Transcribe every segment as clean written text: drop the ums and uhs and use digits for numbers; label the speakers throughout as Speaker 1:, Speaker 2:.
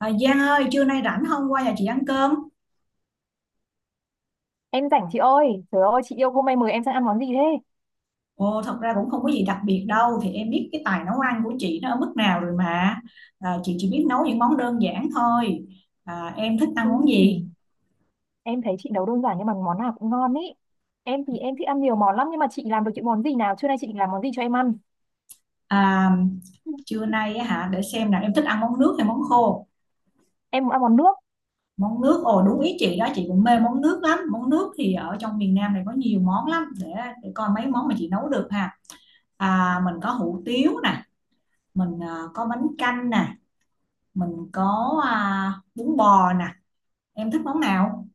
Speaker 1: Giang ơi, trưa nay rảnh không qua nhà chị ăn cơm?
Speaker 2: Em rảnh chị ơi, trời ơi chị yêu hôm nay mời em sang ăn món gì thế?
Speaker 1: Thật ra cũng không có gì đặc biệt đâu, thì em biết cái tài nấu ăn của chị nó ở mức nào rồi mà. Chị chỉ biết nấu những món đơn giản thôi. Em thích ăn món gì?
Speaker 2: Ừm, em thấy chị nấu đơn giản nhưng mà món nào cũng ngon ý. Em thì em thích ăn nhiều món lắm nhưng mà chị làm được những món gì nào? Trưa nay chị định làm món gì cho em ăn?
Speaker 1: À, Trưa nay á hả, để xem nào, em thích ăn món nước hay món khô?
Speaker 2: Em muốn ăn món nước,
Speaker 1: Món nước, ồ đúng ý chị đó, chị cũng mê món nước lắm. Món nước thì ở trong miền Nam này có nhiều món lắm, để coi mấy món mà chị nấu được ha. Mình có hủ tiếu nè, mình có bánh canh nè, mình có bún bò nè. Em thích món nào?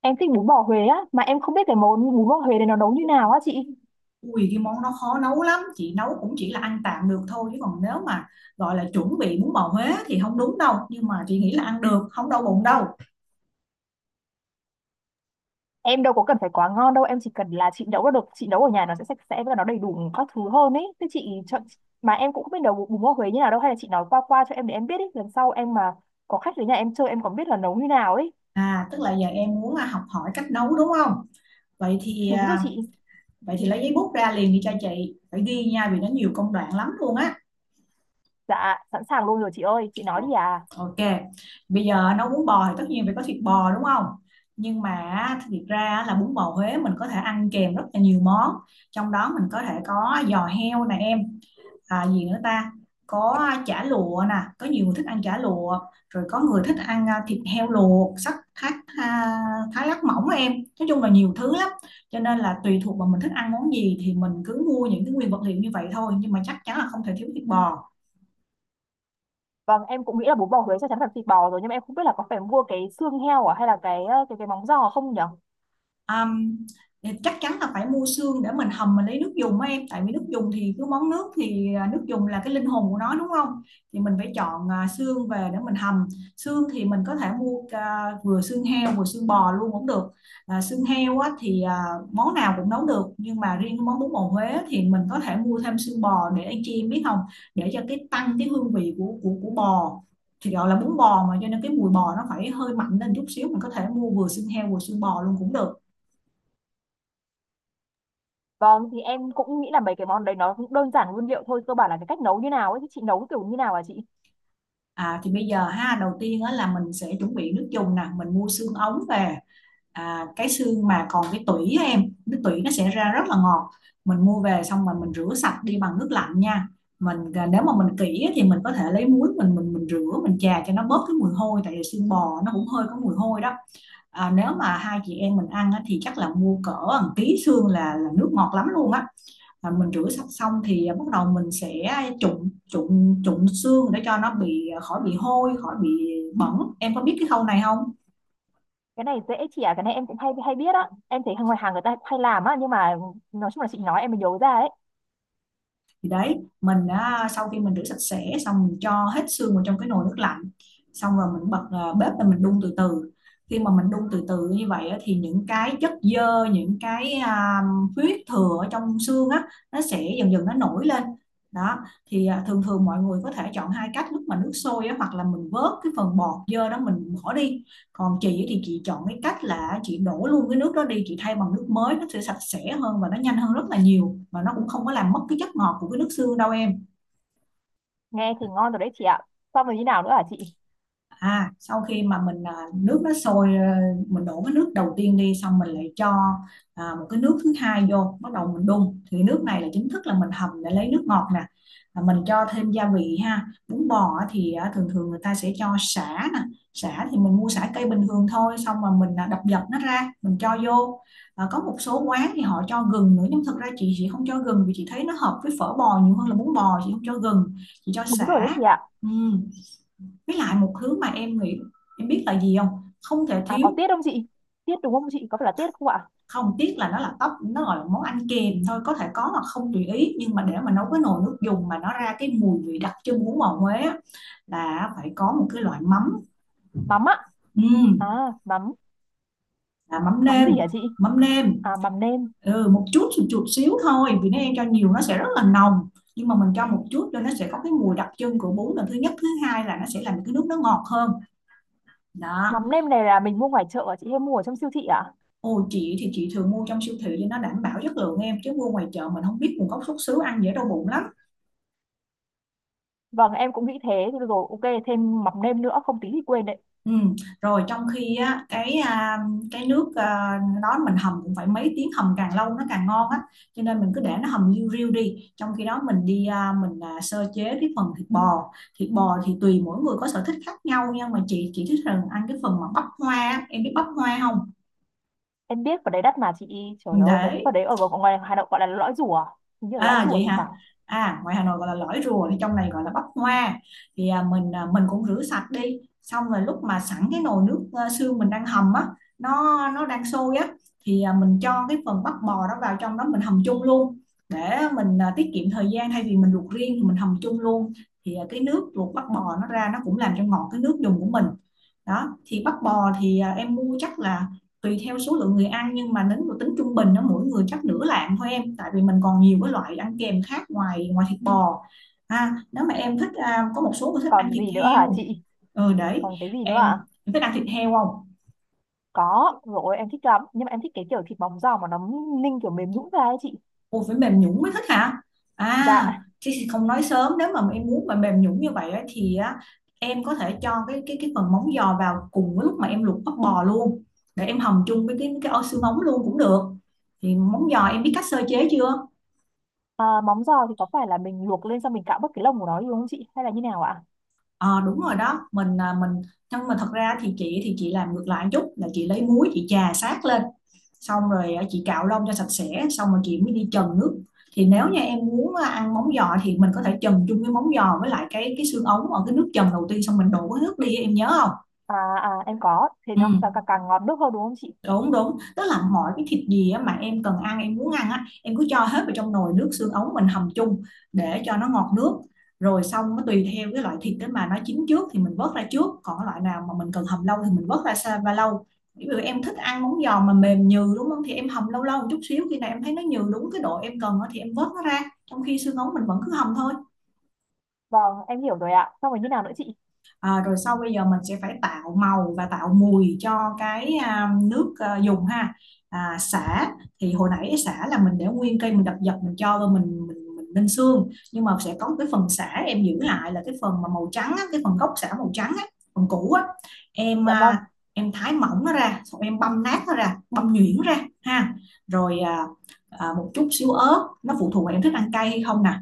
Speaker 2: em thích bún bò Huế á, mà em không biết cái món bún bò Huế này nó nấu như nào á chị.
Speaker 1: Ui cái món đó khó nấu lắm, chị nấu cũng chỉ là ăn tạm được thôi chứ còn nếu mà gọi là chuẩn bị bún bò Huế thì không đúng đâu, nhưng mà chị nghĩ là ăn được, không đau bụng đâu.
Speaker 2: Em đâu có cần phải quá ngon đâu, em chỉ cần là chị nấu là được, chị nấu ở nhà nó sẽ sạch sẽ và nó đầy đủ các thứ hơn ấy. Thế chị chọn mà Em cũng không biết nấu bún bún bò Huế như nào đâu, hay là chị nói qua qua cho em để em biết ý, lần sau em mà có khách đến nhà em chơi em còn biết là nấu như nào ấy.
Speaker 1: À tức là giờ em muốn học hỏi cách nấu đúng không? Vậy thì
Speaker 2: Đúng rồi
Speaker 1: à,
Speaker 2: chị.
Speaker 1: vậy thì lấy giấy bút ra liền đi cho chị, phải ghi nha vì nó nhiều công đoạn lắm luôn á.
Speaker 2: Dạ, sẵn sàng luôn rồi chị ơi, chị nói đi à.
Speaker 1: Ok. Bây giờ nấu bún bò thì tất nhiên phải có thịt bò đúng không? Nhưng mà thiệt ra là bún bò Huế mình có thể ăn kèm rất là nhiều món. Trong đó mình có thể có giò heo nè em, à, gì nữa ta có chả lụa nè, có nhiều người thích ăn chả lụa, rồi có người thích ăn thịt heo luộc sắc thái, à, thái lát mỏng á em. Nói chung là nhiều thứ lắm, cho nên là tùy thuộc vào mình thích ăn món gì thì mình cứ mua những cái nguyên vật liệu như vậy thôi, nhưng mà chắc chắn là không thể thiếu thịt bò.
Speaker 2: Vâng, em cũng nghĩ là bún bò Huế chắc chắn là thịt bò rồi, nhưng mà em không biết là có phải mua cái xương heo à, hay là cái ờ, cái móng giò không nhở?
Speaker 1: Ừm, chắc chắn là phải mua xương để mình hầm, mình lấy nước dùng á em, tại vì nước dùng thì cứ món nước thì nước dùng là cái linh hồn của nó đúng không. Thì mình phải chọn xương về để mình hầm. Xương thì mình có thể mua vừa xương heo vừa xương bò luôn cũng được. Xương heo á, món nào cũng nấu được, nhưng mà riêng cái món bún bò Huế thì mình có thể mua thêm xương bò, để anh chị em biết không, để cho cái tăng cái hương vị của bò. Thì gọi là bún bò mà cho nên cái mùi bò nó phải hơi mạnh lên chút xíu, mình có thể mua vừa xương heo vừa xương bò luôn cũng được.
Speaker 2: Vâng, thì em cũng nghĩ là mấy cái món đấy nó cũng đơn giản nguyên liệu thôi, cơ bản là cái cách nấu như nào ấy, thì chị nấu kiểu như nào à chị?
Speaker 1: Thì bây giờ ha, đầu tiên á, là mình sẽ chuẩn bị nước dùng nè, mình mua xương ống về, cái xương mà còn cái tủy á em, cái tủy nó sẽ ra rất là ngọt. Mình mua về xong rồi mình rửa sạch đi bằng nước lạnh nha. Mình nếu mà mình kỹ á, thì mình có thể lấy muối mình rửa, mình chà cho nó bớt cái mùi hôi, tại vì xương bò nó cũng hơi có mùi hôi đó. Nếu mà hai chị em mình ăn á, thì chắc là mua cỡ một ký xương là nước ngọt lắm luôn á. Mình rửa sạch xong thì bắt đầu mình sẽ trụng trụng trụng xương để cho nó bị khỏi bị hôi, khỏi bị bẩn. Em có biết cái khâu này không?
Speaker 2: Cái này dễ chị à, cái này em cũng hay hay biết á. Em thấy hàng ngoài hàng người ta cũng hay làm á, nhưng mà nói chung là chị nói em mới nhớ ra đấy.
Speaker 1: Thì đấy, mình đã sau khi mình rửa sạch sẽ xong, mình cho hết xương vào trong cái nồi nước lạnh, xong rồi mình bật bếp lên mình đun từ từ. Khi mà mình đun từ từ như vậy á, thì những cái chất xơ, những cái huyết thừa ở trong xương á, nó sẽ dần dần nó nổi lên đó. Thường thường mọi người có thể chọn hai cách, lúc mà nước sôi á, hoặc là mình vớt cái phần bọt dơ đó mình bỏ đi, còn chị thì chị chọn cái cách là chị đổ luôn cái nước đó đi, chị thay bằng nước mới, nó sẽ sạch sẽ hơn và nó nhanh hơn rất là nhiều, mà nó cũng không có làm mất cái chất ngọt của cái nước xương đâu em.
Speaker 2: Nghe thì ngon rồi đấy chị ạ. Xong rồi như nào nữa hả chị?
Speaker 1: Sau khi mà mình nước nó sôi, mình đổ cái nước đầu tiên đi, xong mình lại cho một cái nước thứ hai vô, bắt đầu mình đun, thì nước này là chính thức là mình hầm để lấy nước ngọt nè. Mình cho thêm gia vị ha, bún bò á thì thường thường người ta sẽ cho sả nè. Sả thì mình mua sả cây bình thường thôi, xong mà mình đập dập nó ra mình cho vô. Có một số quán thì họ cho gừng nữa, nhưng thực ra chị không cho gừng, vì chị thấy nó hợp với phở bò nhiều hơn là bún bò, chị không cho gừng, chị cho
Speaker 2: Đúng rồi đấy
Speaker 1: sả.
Speaker 2: chị ạ.
Speaker 1: Ừ, với lại một thứ mà em nghĩ, em biết là gì không, không thể
Speaker 2: À có
Speaker 1: thiếu.
Speaker 2: tiết không chị? Tiết đúng không chị? Có phải là tiết không ạ?
Speaker 1: Không, tiếc là nó là tóc, nó gọi là món ăn kèm thôi, có thể có hoặc không tùy ý, nhưng mà để mà nấu cái nồi nước dùng mà nó ra cái mùi vị đặc trưng của mò Huế á, là phải có một cái loại mắm.
Speaker 2: Mắm ạ. À,
Speaker 1: Ừm,
Speaker 2: mắm,
Speaker 1: là mắm
Speaker 2: mắm
Speaker 1: nêm.
Speaker 2: gì hả chị?
Speaker 1: Mắm nêm,
Speaker 2: À mắm nêm.
Speaker 1: ừ, một chút xíu thôi, vì nếu em cho nhiều nó sẽ rất là nồng, nhưng mà mình cho một chút cho nó sẽ có cái mùi đặc trưng của bún, lần thứ nhất. Thứ hai là nó sẽ làm cái nước nó ngọt hơn đó.
Speaker 2: Mắm nêm này là mình mua ngoài chợ à chị, hay mua ở trong siêu thị à?
Speaker 1: Ồ, chị thì chị thường mua trong siêu thị cho nó đảm bảo chất lượng em, chứ mua ngoài chợ mình không biết nguồn gốc xuất xứ, ăn dễ đau bụng lắm.
Speaker 2: Vâng em cũng nghĩ thế thì rồi ok, thêm mắm nêm nữa, không tí thì quên đấy.
Speaker 1: Ừ. Rồi trong khi á, cái nước đó mình hầm cũng phải mấy tiếng, hầm càng lâu nó càng ngon á, cho nên mình cứ để nó hầm liu riu đi, trong khi đó mình đi sơ chế cái phần thịt bò. Thịt bò thì tùy mỗi người có sở thích khác nhau, nhưng mà chị thích rằng ăn cái phần mà bắp hoa á. Em biết bắp hoa không?
Speaker 2: Em biết vào đấy đắt mà chị, trời ơi cái
Speaker 1: để
Speaker 2: phần đấy ở ngoài ngoài Hà Nội gọi là lõi rùa. À? Hình như là lõi
Speaker 1: À
Speaker 2: rùa
Speaker 1: vậy
Speaker 2: thì
Speaker 1: hả?
Speaker 2: phải.
Speaker 1: À, ngoài Hà Nội gọi là lõi rùa thì trong này gọi là bắp hoa. Thì mình cũng rửa sạch đi. Xong rồi lúc mà sẵn cái nồi nước xương mình đang hầm á, nó đang sôi á, thì mình cho cái phần bắp bò đó vào trong đó mình hầm chung luôn, để mình tiết kiệm thời gian, thay vì mình luộc riêng thì mình hầm chung luôn. Thì cái nước luộc bắp bò nó ra nó cũng làm cho ngọt cái nước dùng của mình. Đó, thì bắp bò thì em mua chắc là tùy theo số lượng người ăn, nhưng mà nếu mà tính trung bình nó mỗi người chắc nửa lạng thôi em, tại vì mình còn nhiều cái loại ăn kèm khác ngoài ngoài thịt bò ha. Nếu mà em thích có một số người thích ăn
Speaker 2: Còn
Speaker 1: thịt
Speaker 2: gì nữa hả
Speaker 1: heo.
Speaker 2: chị?
Speaker 1: Ừ đấy,
Speaker 2: Còn cái gì nữa
Speaker 1: em,
Speaker 2: à?
Speaker 1: em thích ăn thịt heo không?
Speaker 2: Có, rồi em thích lắm nhưng mà em thích cái kiểu thịt móng giò mà nó ninh kiểu mềm nhũn ra ấy chị.
Speaker 1: Ôi, phải mềm nhũn mới thích hả? À
Speaker 2: Dạ.
Speaker 1: chứ không nói sớm, nếu mà em muốn mà mềm nhũn như vậy á, thì á, em có thể cho cái phần móng giò vào cùng với lúc mà em luộc bắp bò luôn, để em hầm chung với cái ô xương móng luôn cũng được. Thì móng giò em biết cách sơ chế chưa?
Speaker 2: À, móng giò thì có phải là mình luộc lên xong mình cạo bớt cái lông của nó đi đúng không chị? Hay là như nào ạ?
Speaker 1: Ờ đúng rồi đó, mình nhưng mà thật ra thì chị làm ngược lại một chút, là chị lấy muối chị chà sát lên, xong rồi chị cạo lông cho sạch sẽ, xong rồi chị mới đi trần nước. Thì nếu như em muốn ăn móng giò thì mình có thể trần chung với móng giò với lại cái xương ống ở cái nước trần đầu tiên, xong mình đổ cái nước đi, em nhớ không?
Speaker 2: À, à em có, thế
Speaker 1: Ừ
Speaker 2: nó càng, càng ngọt nước hơn đúng không chị?
Speaker 1: đúng, tức là mọi cái thịt gì á mà em cần ăn, em muốn ăn á, em cứ cho hết vào trong nồi nước xương ống mình hầm chung để cho nó ngọt nước. Rồi xong nó tùy theo cái loại thịt đó, mà nó chín trước thì mình vớt ra trước, còn cái loại nào mà mình cần hầm lâu thì mình vớt ra xa và lâu. Ví dụ em thích ăn món giòn mà mềm nhừ đúng không, thì em hầm lâu lâu một chút xíu, khi nào em thấy Nó nhừ đúng cái độ em cần á thì em vớt nó ra, trong khi xương ống mình vẫn cứ hầm thôi.
Speaker 2: Vâng, em hiểu rồi ạ. Xong rồi như nào nữa chị?
Speaker 1: Ờ, rồi sau bây giờ mình sẽ phải tạo màu và tạo mùi cho cái nước à, dùng ha. À, sả thì hồi nãy sả là mình để nguyên cây, mình đập dập, mình cho rồi mình ninh xương. Nhưng mà sẽ có một cái phần sả em giữ lại, là cái phần mà màu trắng á, cái phần gốc sả màu trắng á, phần cũ á. Em
Speaker 2: Dạ vâng.
Speaker 1: à, em thái mỏng nó ra, xong em băm nát nó ra, băm nhuyễn ra, ha. Rồi à, à, một chút xíu ớt, nó phụ thuộc vào em thích ăn cay hay không nè.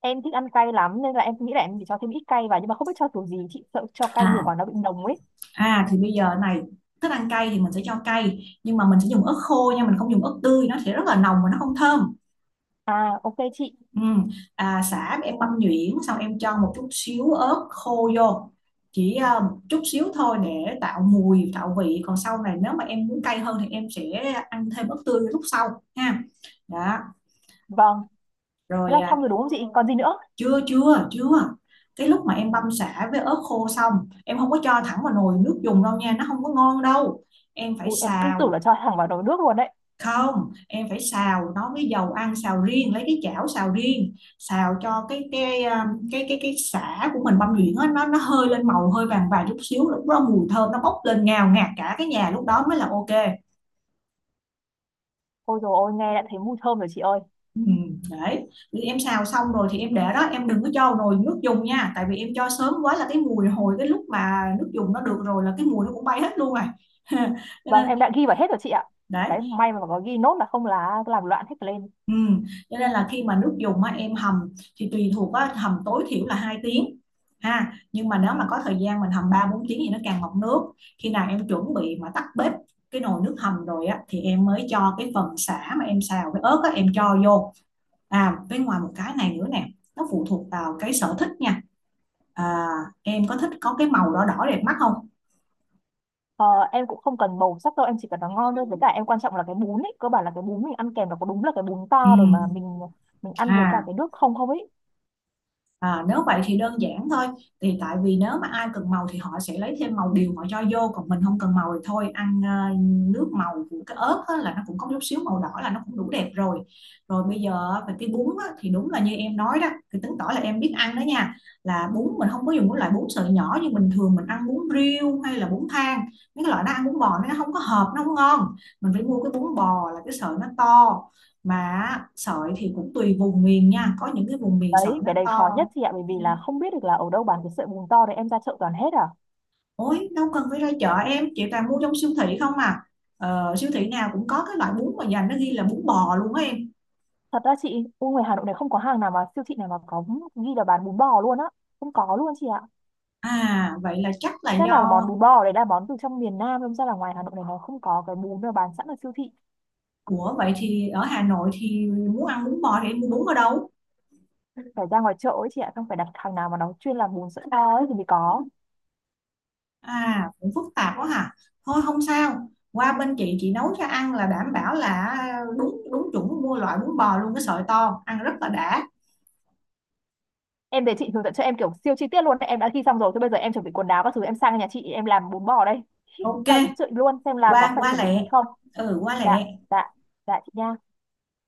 Speaker 2: Em thích ăn cay lắm nên là em nghĩ là em chỉ cho thêm ít cay vào, nhưng mà không biết cho kiểu gì, chị sợ cho cay nhiều quá
Speaker 1: À,
Speaker 2: nó bị nồng ấy.
Speaker 1: à thì bây giờ này, thích ăn cay thì mình sẽ cho cay, nhưng mà mình sẽ dùng ớt khô nha, mình không dùng ớt tươi, nó sẽ rất là nồng và nó không thơm.
Speaker 2: À ok chị.
Speaker 1: Ừ. À, sả em băm nhuyễn xong em cho một chút xíu ớt khô vô, chỉ à, một chút xíu thôi để tạo mùi tạo vị, còn sau này nếu mà em muốn cay hơn thì em sẽ ăn thêm ớt tươi lúc sau ha. Đó,
Speaker 2: Vâng, thế là
Speaker 1: rồi à,
Speaker 2: xong rồi đúng không chị, còn gì nữa?
Speaker 1: chưa chưa chưa. Cái lúc mà em băm sả với ớt khô xong, em không có cho thẳng vào nồi nước dùng đâu nha, nó không có ngon đâu. Em phải
Speaker 2: Ui, em cứ tưởng là
Speaker 1: xào.
Speaker 2: cho thẳng vào nồi nước luôn đấy.
Speaker 1: Không, em phải xào nó với dầu ăn, xào riêng, lấy cái chảo xào riêng, xào cho cái cái sả của mình băm nhuyễn á, nó hơi lên màu, hơi vàng vàng chút xíu, lúc đó mùi thơm nó bốc lên ngào ngạt cả cái nhà, lúc đó mới là ok.
Speaker 2: Ôi dồi ôi, nghe đã thấy mùi thơm rồi chị ơi.
Speaker 1: Ừ, đấy. Thì em xào xong rồi thì em để đó, em đừng có cho vào nồi nước dùng nha, tại vì em cho sớm quá là cái mùi hồi cái lúc mà nước dùng nó được rồi là cái mùi nó cũng bay hết luôn rồi. Cho
Speaker 2: Vâng
Speaker 1: nên
Speaker 2: em đã ghi vào hết rồi chị ạ.
Speaker 1: đấy.
Speaker 2: Đấy, may mà có ghi nốt, là không là làm loạn hết lên.
Speaker 1: Ừ. Cho nên là khi mà nước dùng á, em hầm thì tùy thuộc á, hầm tối thiểu là 2 tiếng ha, nhưng mà nếu mà có thời gian mình hầm 3 4 tiếng thì nó càng mọng nước. Khi nào em chuẩn bị mà tắt bếp cái nồi nước hầm rồi á, thì em mới cho cái phần sả mà em xào với ớt á, em cho vô. À với ngoài một cái này nữa nè, nó phụ thuộc vào cái sở thích nha. À, em có thích có cái màu đỏ đỏ đẹp mắt không?
Speaker 2: ờ, em cũng không cần màu sắc đâu, em chỉ cần nó ngon thôi, với cả em quan trọng là cái bún ấy, cơ bản là cái bún mình ăn kèm nó có đúng là cái bún
Speaker 1: Ừ.
Speaker 2: to để mà mình ăn với cả
Speaker 1: À.
Speaker 2: cái nước không không ấy.
Speaker 1: À, nếu vậy thì đơn giản thôi. Thì tại vì nếu mà ai cần màu thì họ sẽ lấy thêm màu điều họ cho vô, còn mình không cần màu thì thôi, ăn ờ, nước màu của cái ớt á, là nó cũng có chút xíu màu đỏ là nó cũng đủ đẹp rồi. Rồi bây giờ về cái bún á, thì đúng là như em nói đó, thì chứng tỏ là em biết ăn đó nha. Là bún mình không có dùng cái loại bún sợi nhỏ như bình thường mình ăn bún riêu hay là bún thang, mấy cái loại nó ăn bún bò nó không có hợp, nó không ngon. Mình phải mua cái bún bò là cái sợi nó to, mà sợi thì cũng tùy vùng miền nha, có những cái vùng miền sợi
Speaker 2: Đấy,
Speaker 1: nó
Speaker 2: cái đấy khó nhất
Speaker 1: to.
Speaker 2: chị ạ, bởi vì là không biết được là ở đâu bán cái sợi bùn to đấy, em ra chợ toàn hết à.
Speaker 1: Ôi, đâu cần phải ra chợ em, chị toàn mua trong siêu thị không à. Ờ, siêu thị nào cũng có cái loại bún mà dành nó ghi là bún bò luôn á em.
Speaker 2: Thật ra chị, ui ngoài Hà Nội này không có hàng nào mà siêu thị nào mà có ghi là bán bún bò luôn á. Không có luôn chị ạ.
Speaker 1: À, vậy là chắc là
Speaker 2: Chắc
Speaker 1: do...
Speaker 2: là món bún bò đấy là món từ trong miền Nam, đâm ra là ngoài Hà Nội này nó không có cái bún nào bán sẵn ở siêu thị.
Speaker 1: Ủa, vậy thì ở Hà Nội thì muốn ăn bún bò thì em mua bún ở đâu?
Speaker 2: Phải ra ngoài chợ ấy chị ạ, không phải đặt hàng nào mà nó chuyên làm bún sợi to ấy thì mới có.
Speaker 1: À, cũng phức tạp quá hả? Thôi không sao, qua bên chị nấu cho ăn là đảm bảo là đúng đúng chuẩn, mua loại bún bò luôn cái sợi to, ăn rất là đã.
Speaker 2: Em để chị hướng dẫn cho em kiểu siêu chi tiết luôn, đấy, em đã ghi xong rồi, thế bây giờ em chuẩn bị quần áo các thứ, em sang nhà chị em làm bún bò đây.
Speaker 1: Ok,
Speaker 2: Vào giúp chị luôn xem là có
Speaker 1: qua
Speaker 2: phải
Speaker 1: qua
Speaker 2: chuẩn bị
Speaker 1: lẹ.
Speaker 2: gì không.
Speaker 1: Ừ, qua
Speaker 2: Dạ,
Speaker 1: lẹ.
Speaker 2: dạ, dạ chị nha.